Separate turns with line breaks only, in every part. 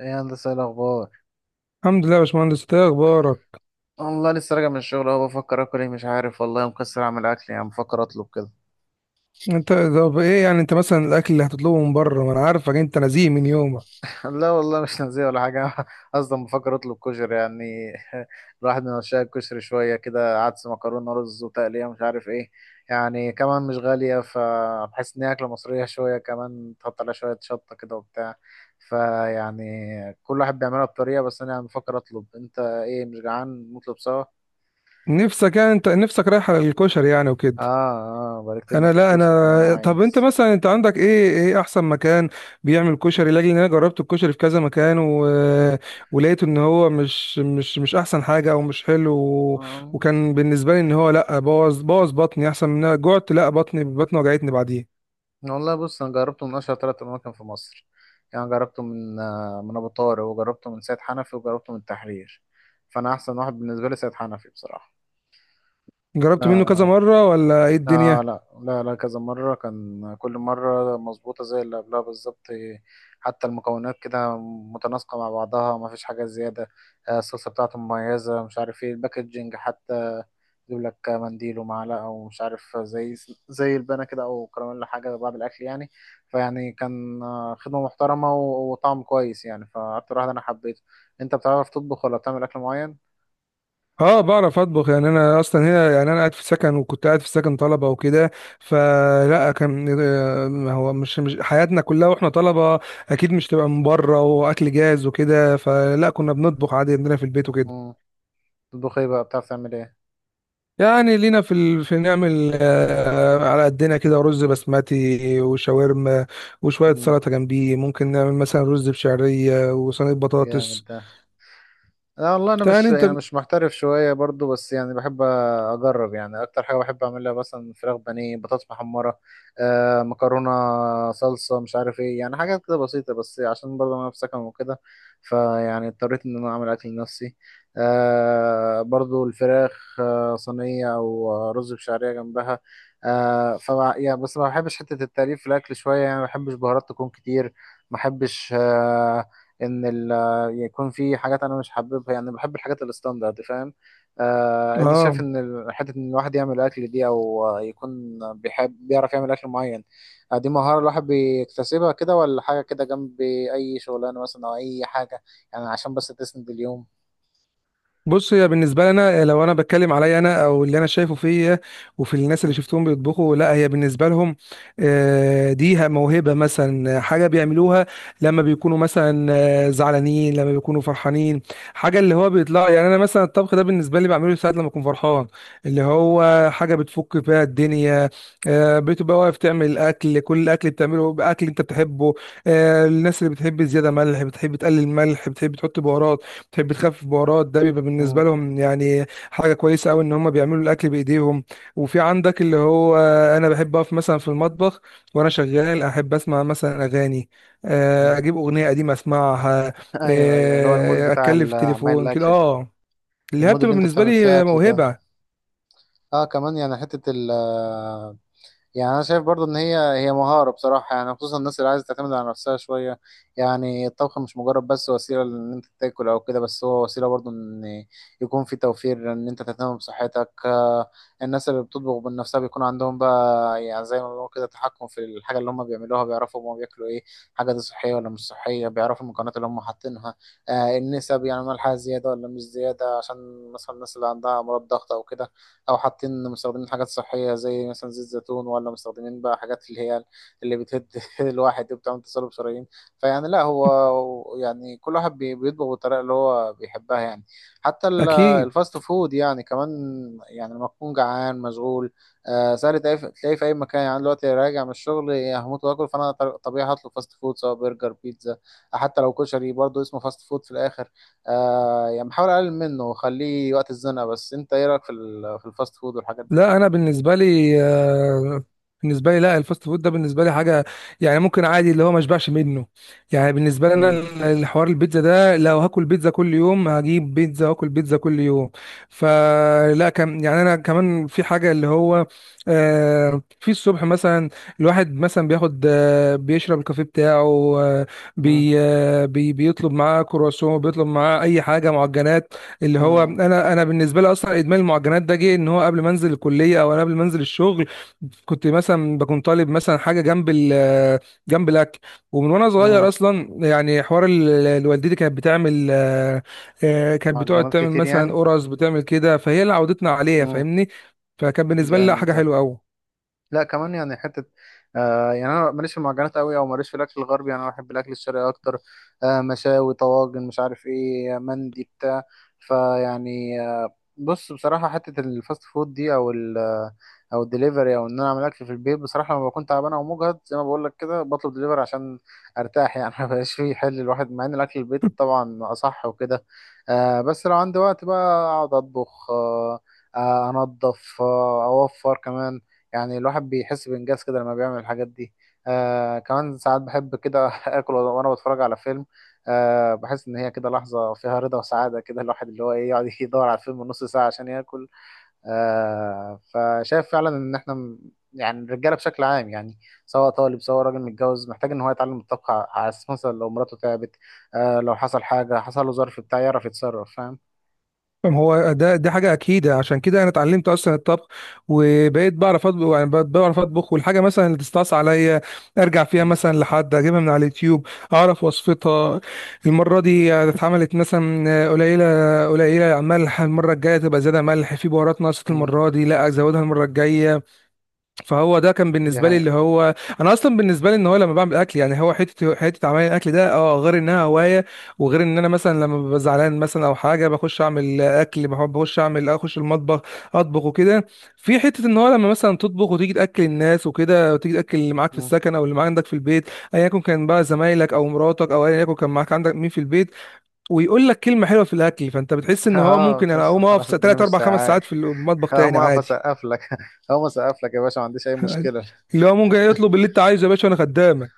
ايه يا هندسة، إيه الاخبار؟
الحمد لله يا باشمهندس، إنت ايه اخبارك؟
والله لسه راجع من الشغل اهو، بفكر اكل ايه مش عارف، والله مكسر اعمل اكل، يعني بفكر اطلب كده.
انت طب ايه؟ انت مثلا الاكل اللي هتطلبه من بره، ما انا عارفك انت نزيه من يومك.
لا والله مش نازيه ولا حاجه. اصلا بفكر اطلب كشري، يعني الواحد من عشاق الكشري، شويه كده عدس مكرونه رز وتقليه مش عارف ايه. يعني كمان مش غاليه، فبحس ان هي اكله مصريه شويه، كمان تحط عليها شويه شطه كده وبتاع. فيعني. كل واحد بيعملها بطريقه، بس انا يعني بفكر اطلب، انت ايه مش جعان، نطلب سوا؟
نفسك انت نفسك رايح على الكشري
اه.
وكده؟
اه، بقالي كتير ما
انا لا
اكلتوش وكمان
انا طب انت
عايز.
مثلا انت عندك ايه؟ ايه احسن مكان بيعمل كشري؟ لاجل ان انا جربت الكشري في كذا مكان ولقيت ان هو مش احسن حاجه او مش حلو وكان بالنسبه لي ان هو لا، بوظ بطني، احسن من إن أنا جعت. لا، بطني وجعتني بعديه.
والله بص، انا جربته من اشهر ثلاث اماكن في مصر. يعني جربته من، من ابو طارق، وجربته من سيد حنفي، وجربته من التحرير. فانا احسن واحد بالنسبه لي سيد حنفي بصراحه.
جربت منه كذا
آه،
مره ولا ايه الدنيا؟
لا لا لا، كذا مرة كان، كل مرة مظبوطة زي اللي قبلها بالظبط، إيه، حتى المكونات كده متناسقة مع بعضها، ما فيش حاجة زيادة. الصلصة بتاعته مميزة، مش عارف ايه الباكجينج حتى يجيب لك منديل ومعلقة، ومش عارف زي البانة كده أو كراميل، حاجة بعد الأكل يعني. فيعني كان، خدمة محترمة، وطعم كويس، يعني فأكتر واحد أنا حبيته. أنت بتعرف تطبخ ولا بتعمل أكل معين؟
اه بعرف اطبخ. انا اصلا هنا، انا قاعد في سكن، وكنت قاعد في سكن طلبه وكده. فلا كان ما هو مش حياتنا كلها واحنا طلبه اكيد مش تبقى من بره واكل جاهز وكده. فلا كنا بنطبخ عادي عندنا في البيت وكده.
مم. تطبخ ايه بقى، بتعرف تعمل ايه؟
لينا في في نعمل على قدنا كده رز بسمتي وشاورما وشويه
مم.
سلطه جنبيه. ممكن نعمل مثلا رز بشعريه وصينيه
جامد
بطاطس.
ده. لا والله، انا
يعني
مش
انت
يعني مش محترف شويه برضو، بس يعني بحب اجرب، يعني اكتر حاجه بحب اعملها مثلا فراخ بانيه بطاطس محمره. مكرونه. صلصه، مش عارف ايه، يعني حاجات كده بسيطه، بس عشان برضو انا في سكن وكده. فيعني اضطريت ان انا اعمل اكل لنفسي. برضو الفراخ، صينيه او رز بشعريه جنبها. آه ف يعني بس ما بحبش حته التأليف في الاكل شويه، يعني ما بحبش بهارات تكون كتير. ما بحبش. ان ال يكون في حاجات انا مش حاببها، يعني بحب الحاجات الستاندرد فاهم. انت شايف
اه
ان حته ان الواحد يعمل اكل دي، او يكون بيحب بيعرف يعمل اكل معين؟ دي مهاره الواحد بيكتسبها كده، ولا حاجه كده جنب اي شغلانه مثلا او اي حاجه؟ يعني عشان بس تسند اليوم.
بص، هي بالنسبه لنا، لو انا بتكلم عليا انا او اللي انا شايفه فيا، وفي الناس اللي
مم.
شفتهم بيطبخوا، لا هي بالنسبه لهم دي موهبه. مثلا حاجه بيعملوها لما بيكونوا مثلا زعلانين، لما بيكونوا فرحانين. حاجه اللي هو بيطلع. انا مثلا الطبخ ده بالنسبه لي بعمله ساعات لما اكون فرحان. اللي هو حاجه بتفك فيها الدنيا. بتبقى واقف تعمل اكل، كل الاكل بتعمله باكل انت بتحبه. الناس اللي بتحب زياده ملح، بتحب تقلل ملح، بتحب تحط بهارات، تحب تخفف بهارات، ده بيبقى بالنسبه
مم.
لهم حاجه كويسه قوي ان هم بيعملوا الاكل بايديهم. وفي عندك اللي هو، انا بحب اقف مثلا في المطبخ وانا شغال، احب اسمع مثلا اغاني.
مم.
اجيب اغنيه قديمه اسمعها.
ايوه ايوه، اللي هو المود بتاع
اتكلم في
عمال
التليفون كده.
الاكل ده.
اه اللي هي
المود
بتبقى
اللي انت
بالنسبه
بتعمل فيه
لي
اكل ده.
موهبه.
اه، كمان يعني حته. يعني انا شايف برضو ان هي مهاره بصراحه، يعني خصوصا الناس اللي عايزه تعتمد على نفسها شويه. يعني الطبخ مش مجرد بس وسيله ان انت تاكل او كده، بس هو وسيله برضو ان يكون في توفير، ان انت تهتم بصحتك، الناس اللي بتطبخ من نفسها بيكون عندهم بقى، يعني زي ما بيقولوا كده، تحكم في الحاجه اللي هم بيعملوها، بيعرفوا هم بياكلوا ايه، حاجه دي صحيه ولا مش صحيه، بيعرفوا المكونات اللي هم حاطينها، النسب يعني ملحها زياده ولا مش زياده، عشان مثلا الناس اللي عندها امراض ضغط او كده، او حاطين مستخدمين حاجات صحيه زي مثلا زيت زيتون، ولا مستخدمين بقى حاجات اللي هي اللي بتهد الواحد وبتعمل تصلب شرايين. فيعني لا، هو يعني كل واحد بيطبخ بالطريقه اللي هو بيحبها يعني. حتى
اكيد.
الفاست فود يعني كمان. يعني لما تكون جعان مشغول، سهل تلاقيه في اي مكان، يعني أنا دلوقتي راجع من الشغل هموت واكل فانا طبيعي هطلب فاست فود، سواء برجر بيتزا. حتى لو كشري برضه اسمه فاست فود في الاخر. يعني بحاول اقلل منه وخليه وقت الزنقه، بس انت ايه رايك في الفاست فود والحاجات دي؟
لا انا بالنسبه لي، لا الفاست فود ده بالنسبه لي حاجه، ممكن عادي اللي هو ما اشبعش منه. بالنسبه لي انا
امم.
الحوار البيتزا ده لو هاكل بيتزا كل يوم هجيب بيتزا واكل بيتزا كل يوم. فلا كم انا كمان في حاجه اللي هو في الصبح مثلا الواحد مثلا بياخد، بيشرب الكافيه بتاعه، آه،
امم.
بي آه، بي بيطلب معاه كرواسون، بيطلب معاه اي حاجه معجنات. اللي هو
امم
انا بالنسبه لي اصلا ادمان المعجنات ده جه ان هو قبل ما انزل الكليه، او انا قبل ما انزل الشغل كنت مثلا بكون طالب مثلا حاجه جنب الاكل. ومن وانا صغير اصلا، حوار والدتي كانت بتعمل كانت بتقعد
معجنات
تعمل
كتير
مثلا
يعني.
قرص، بتعمل كده، فهي اللي عودتنا عليها،
امم.
فاهمني. فكان بالنسبه لي لا،
جامد
حاجه
ده.
حلوه قوي.
لا، كمان يعني حته. يعني انا ماليش في المعجنات قوي، او ماليش في الاكل الغربي، يعني انا بحب الاكل الشرقي اكتر. مشاوي طواجن مش عارف ايه مندي بتاع. فيعني بص بصراحه حته الفاست فود دي، او ال آه، او الدليفري، او ان انا اعمل اكل في البيت، بصراحه لما بكون تعبان او مجهد زي ما بقول لك كده، بطلب دليفري عشان ارتاح يعني. ما بقاش فيه حل الواحد، مع ان الاكل البيت طبعا اصح وكده. بس لو عندي وقت بقى اقعد اطبخ. انضف، اوفر كمان. يعني الواحد بيحس بإنجاز كده لما بيعمل الحاجات دي. كمان ساعات بحب كده آكل وأنا بتفرج على فيلم. بحس إن هي كده لحظة فيها رضا وسعادة، كده الواحد اللي هو إيه يقعد يدور على الفيلم نص ساعة عشان ياكل. فشايف فعلا إن إحنا. يعني الرجالة بشكل عام، يعني سواء طالب سواء راجل متجوز، محتاج إن هو يتعلم الطبخ، على أساس مثلا لو مراته تعبت، لو حصل حاجة حصل له ظرف بتاع يعرف يتصرف فاهم؟
ما هو ده دي حاجة أكيدة، عشان كده أنا اتعلمت أصلا الطبخ وبقيت بعرف أطبخ. بقيت بعرف أطبخ، والحاجة مثلا اللي تستعصي عليا أرجع فيها
مم.
مثلا لحد أجيبها من على اليوتيوب، أعرف وصفتها. المرة دي اتعملت مثلا قليلة، قليلة ملح، المرة الجاية تبقى زيادة ملح، في بهارات ناقصة
مم.
المرة دي، لا أزودها المرة الجاية. فهو ده كان
دي
بالنسبه لي
هي.
اللي هو، انا اصلا بالنسبه لي ان هو لما بعمل اكل، هو حته عمل الاكل ده اه، غير انها هوايه وغير ان انا مثلا لما ببقى زعلان مثلا او حاجه بخش اعمل اكل. بحب بخش اعمل اخش المطبخ، اطبخ وكده. في حته ان هو لما مثلا تطبخ وتيجي تاكل الناس وكده، وتيجي تاكل اللي معاك في السكن او اللي معاك عندك في البيت، ايا يكن كان بقى زمايلك او مراتك او ايا يكن كان معاك عندك مين في البيت، ويقول لك كلمه حلوه في الاكل، فانت بتحس ان هو
اه،
ممكن انا
تحس
اقوم
خلاص
اقف
الدنيا
3
مش
4 5 ساعات
سايعاك.
في المطبخ
هقوم
تاني
اقف
عادي.
اسقف لك. هقوم اسقف لك يا باشا، ما عنديش اي مشكله.
اللي هو ممكن يطلب اللي انت عايزه يا باشا، وانا خدامك.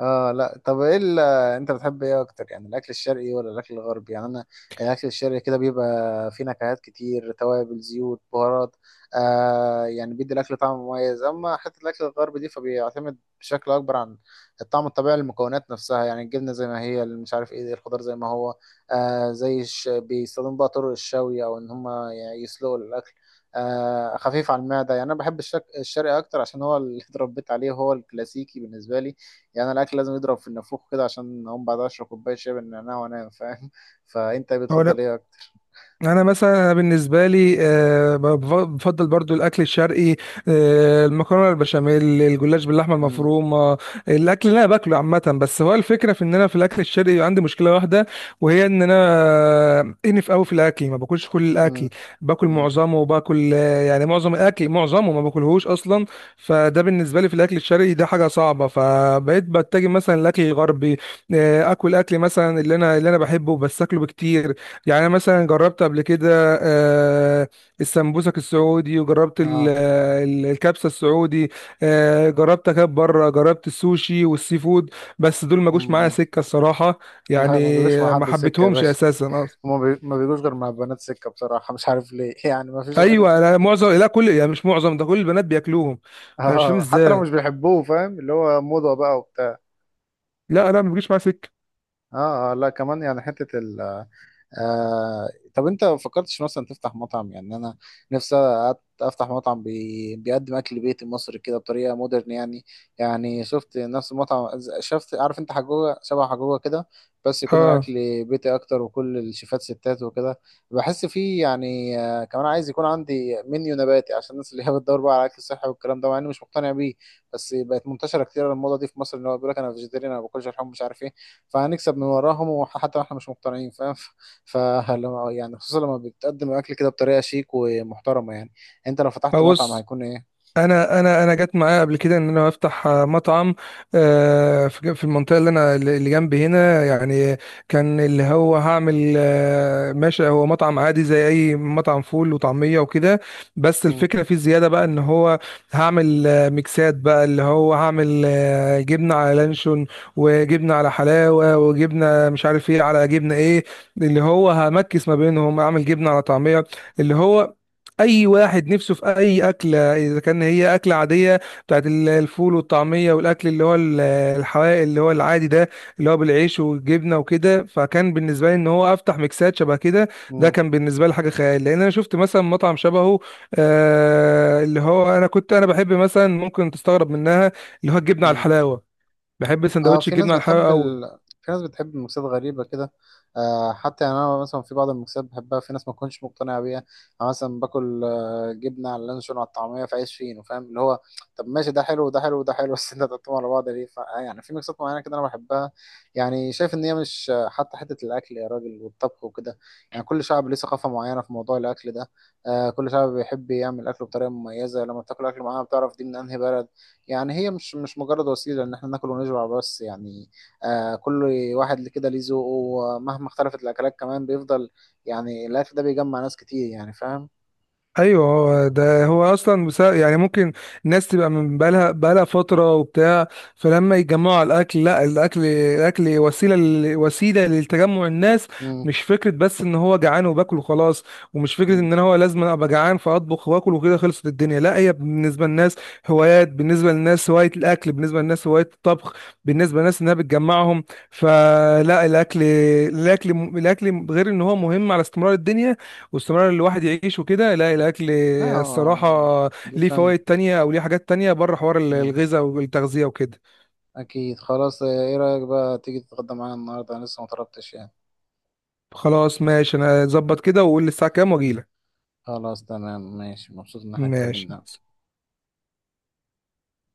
اه، لا طب ايه انت بتحب ايه اكتر، يعني الاكل الشرقي ولا الاكل الغربي، يعني انا الاكل الشرقي كده بيبقى فيه نكهات كتير، توابل زيوت بهارات. يعني بيدي الاكل طعم مميز، اما حته الاكل الغربي دي فبيعتمد بشكل اكبر عن الطعم الطبيعي للمكونات نفسها، يعني الجبنه زي ما هي، اللي مش عارف ايه، الخضار زي ما هو. زي بيستخدموا بقى طرق الشوي، او ان هم يعني يسلقوا الاكل. خفيف على المعده، يعني انا بحب الشرقي اكتر عشان هو اللي اتربيت عليه، هو الكلاسيكي بالنسبه لي. يعني الاكل لازم يضرب في النافوخ كده، عشان اقوم بعد اشرب كوبايه شاي بالنعناع وانام فاهم، فانت
هو انا
بتفضل ايه اكتر؟
انا مثلا أنا بالنسبه لي بفضل برضو الاكل الشرقي. المكرونه، البشاميل، الجلاش باللحمه
امم.
المفرومه، الاكل اللي انا باكله عامه. بس هو الفكره في ان انا في الاكل الشرقي عندي مشكله واحده، وهي ان انا انف قوي في الاكل. ما باكلش كل
امم.
الاكل، باكل
امم.
معظمه وباكل، معظم الاكل معظمه ما باكلهوش اصلا. فده بالنسبه لي في الاكل الشرقي ده حاجه صعبه، فبقيت بتجه مثلا الاكل الغربي. اكل مثلا اللي انا بحبه، بس اكله بكتير. أنا مثلا جربت قبل كده آه، السمبوسك السعودي، وجربت
اه.
الكبسه السعودي، جربت اكل بره، جربت السوشي والسي فود، بس دول ما جوش معايا
امم.
سكه الصراحه. يعني
لا، ما بيجوش مع
ما
حد سكه يا
حبيتهمش
باشا.
اساسا اصلا.
ما بيجوش غير مع البنات سكه بصراحه، مش عارف ليه، يعني ما فيش راجل
ايوه
شفته
انا
بيقول كده.
معظم، لا كل، مش معظم ده، كل البنات بياكلوهم. انا مش فاهم
اه، حتى لو
ازاي.
مش بيحبوه، فاهم اللي هو موضه بقى وبتاع.
لا ما بيجيش معايا سكه.
اه، لا كمان يعني حته. آه، طب انت ما فكرتش مثلا تفتح مطعم، يعني انا نفسي. أت- افتح مطعم بيقدم اكل بيتي مصري كده بطريقه مودرن يعني. يعني شفت نفس المطعم، شفت عارف انت حجوجه شبه حجوجه كده، بس يكون الاكل
اه
بيتي اكتر، وكل الشيفات ستات وكده. بحس فيه يعني، كمان عايز يكون عندي منيو نباتي، عشان الناس اللي هي بتدور بقى على الاكل الصحي والكلام ده، مع اني مش مقتنع بيه. بس بقت منتشره كتير الموضه دي في مصر، ان هو بيقول لك انا فيجيتيريان، انا ما باكلش لحوم، مش عارف ايه. فهنكسب من وراهم، وحتى احنا مش مقتنعين فاهم. فلما يعني خصوصا لما بتقدم الاكل كده بطريقه شيك ومحترمه يعني. انت لو فتحت مطعم
ابص،
هيكون ايه؟
انا جت معايا قبل كده ان انا افتح مطعم في المنطقه اللي انا اللي جنبي هنا يعني. كان اللي هو هعمل، ماشي، هو مطعم عادي زي اي مطعم فول وطعميه وكده، بس
مم.
الفكره فيه زياده بقى ان هو هعمل ميكسات بقى. اللي هو هعمل جبنه على لانشون، وجبنه على حلاوه، وجبنه مش عارف ايه على جبنه ايه، اللي هو همكس ما بينهم. اعمل جبنه على طعميه، اللي هو اي واحد نفسه في اي اكله، اذا كان هي اكله عاديه بتاعت الفول والطعميه والاكل اللي هو الحوائق اللي هو العادي ده، اللي هو بالعيش والجبنه وكده. فكان بالنسبه لي ان هو افتح ميكسات شبه كده. ده
مم.
كان بالنسبه لي حاجه خيال، لان انا شفت مثلا مطعم شبهه. اللي هو انا كنت انا بحب مثلا، ممكن تستغرب منها، اللي هو الجبنه على
مم.
الحلاوه. بحب
اه،
سندوتش الجبنه على الحلاوه قوي.
في ناس بتحب المكسات غريبة كده. حتى يعني انا مثلا في بعض المكسات بحبها، في ناس ما تكونش مقتنعة بيها. انا مثلا باكل جبنة على اللانشون على الطعمية في عيش فينو، فاهم اللي هو طب ماشي، ده حلو وده حلو وده حلو، بس انت تحطهم على بعض ليه ف... آه، يعني في مكسات معينة كده انا بحبها. يعني شايف ان هي مش، حتى حتة الاكل يا راجل، والطبخ وكده. يعني كل شعب ليه ثقافة معينة في موضوع الاكل ده. كل شعب بيحب يعمل اكله بطريقة مميزة، لما بتاكل اكل معينة بتعرف دي من انهي بلد. يعني هي مش مجرد وسيلة إن إحنا ناكل ونشبع بس يعني، كل واحد اللي كده ليه ذوقه، ومهما اختلفت الأكلات كمان بيفضل، يعني الأكل ده بيجمع ناس كتير، يعني فاهم؟
ايوه هو ده هو اصلا بسبب، ممكن الناس تبقى من بقالها فتره وبتاع، فلما يتجمعوا على الاكل لا، الاكل وسيله وسيله لتجمع الناس.
مم.
مش فكره بس ان هو جعان وباكل وخلاص، ومش فكره
مم.
ان انا هو لازم ابقى جعان فاطبخ واكل وكده خلصت الدنيا. لا هي بالنسبه للناس هوايات، بالنسبه للناس هوايه الاكل، بالنسبه للناس هوايه الطبخ، بالنسبه للناس انها بتجمعهم. فلا الاكل، الاكل غير ان هو مهم على استمرار الدنيا واستمرار الواحد يعيش وكده، لا الاكل
لا
الصراحه
هو دي
ليه
فن.
فوائد تانية او ليه حاجات تانية بره حوار
مم.
الغذاء والتغذيه وكده.
أكيد خلاص، إيه رأيك بقى تيجي تتغدى معانا النهاردة، أنا لسه مطلبتش يعني.
خلاص ماشي، انا اظبط كده واقول لي الساعه كام واجيلك.
خلاص تمام ماشي، مبسوط إن إحنا اتكلمنا.
ماشي.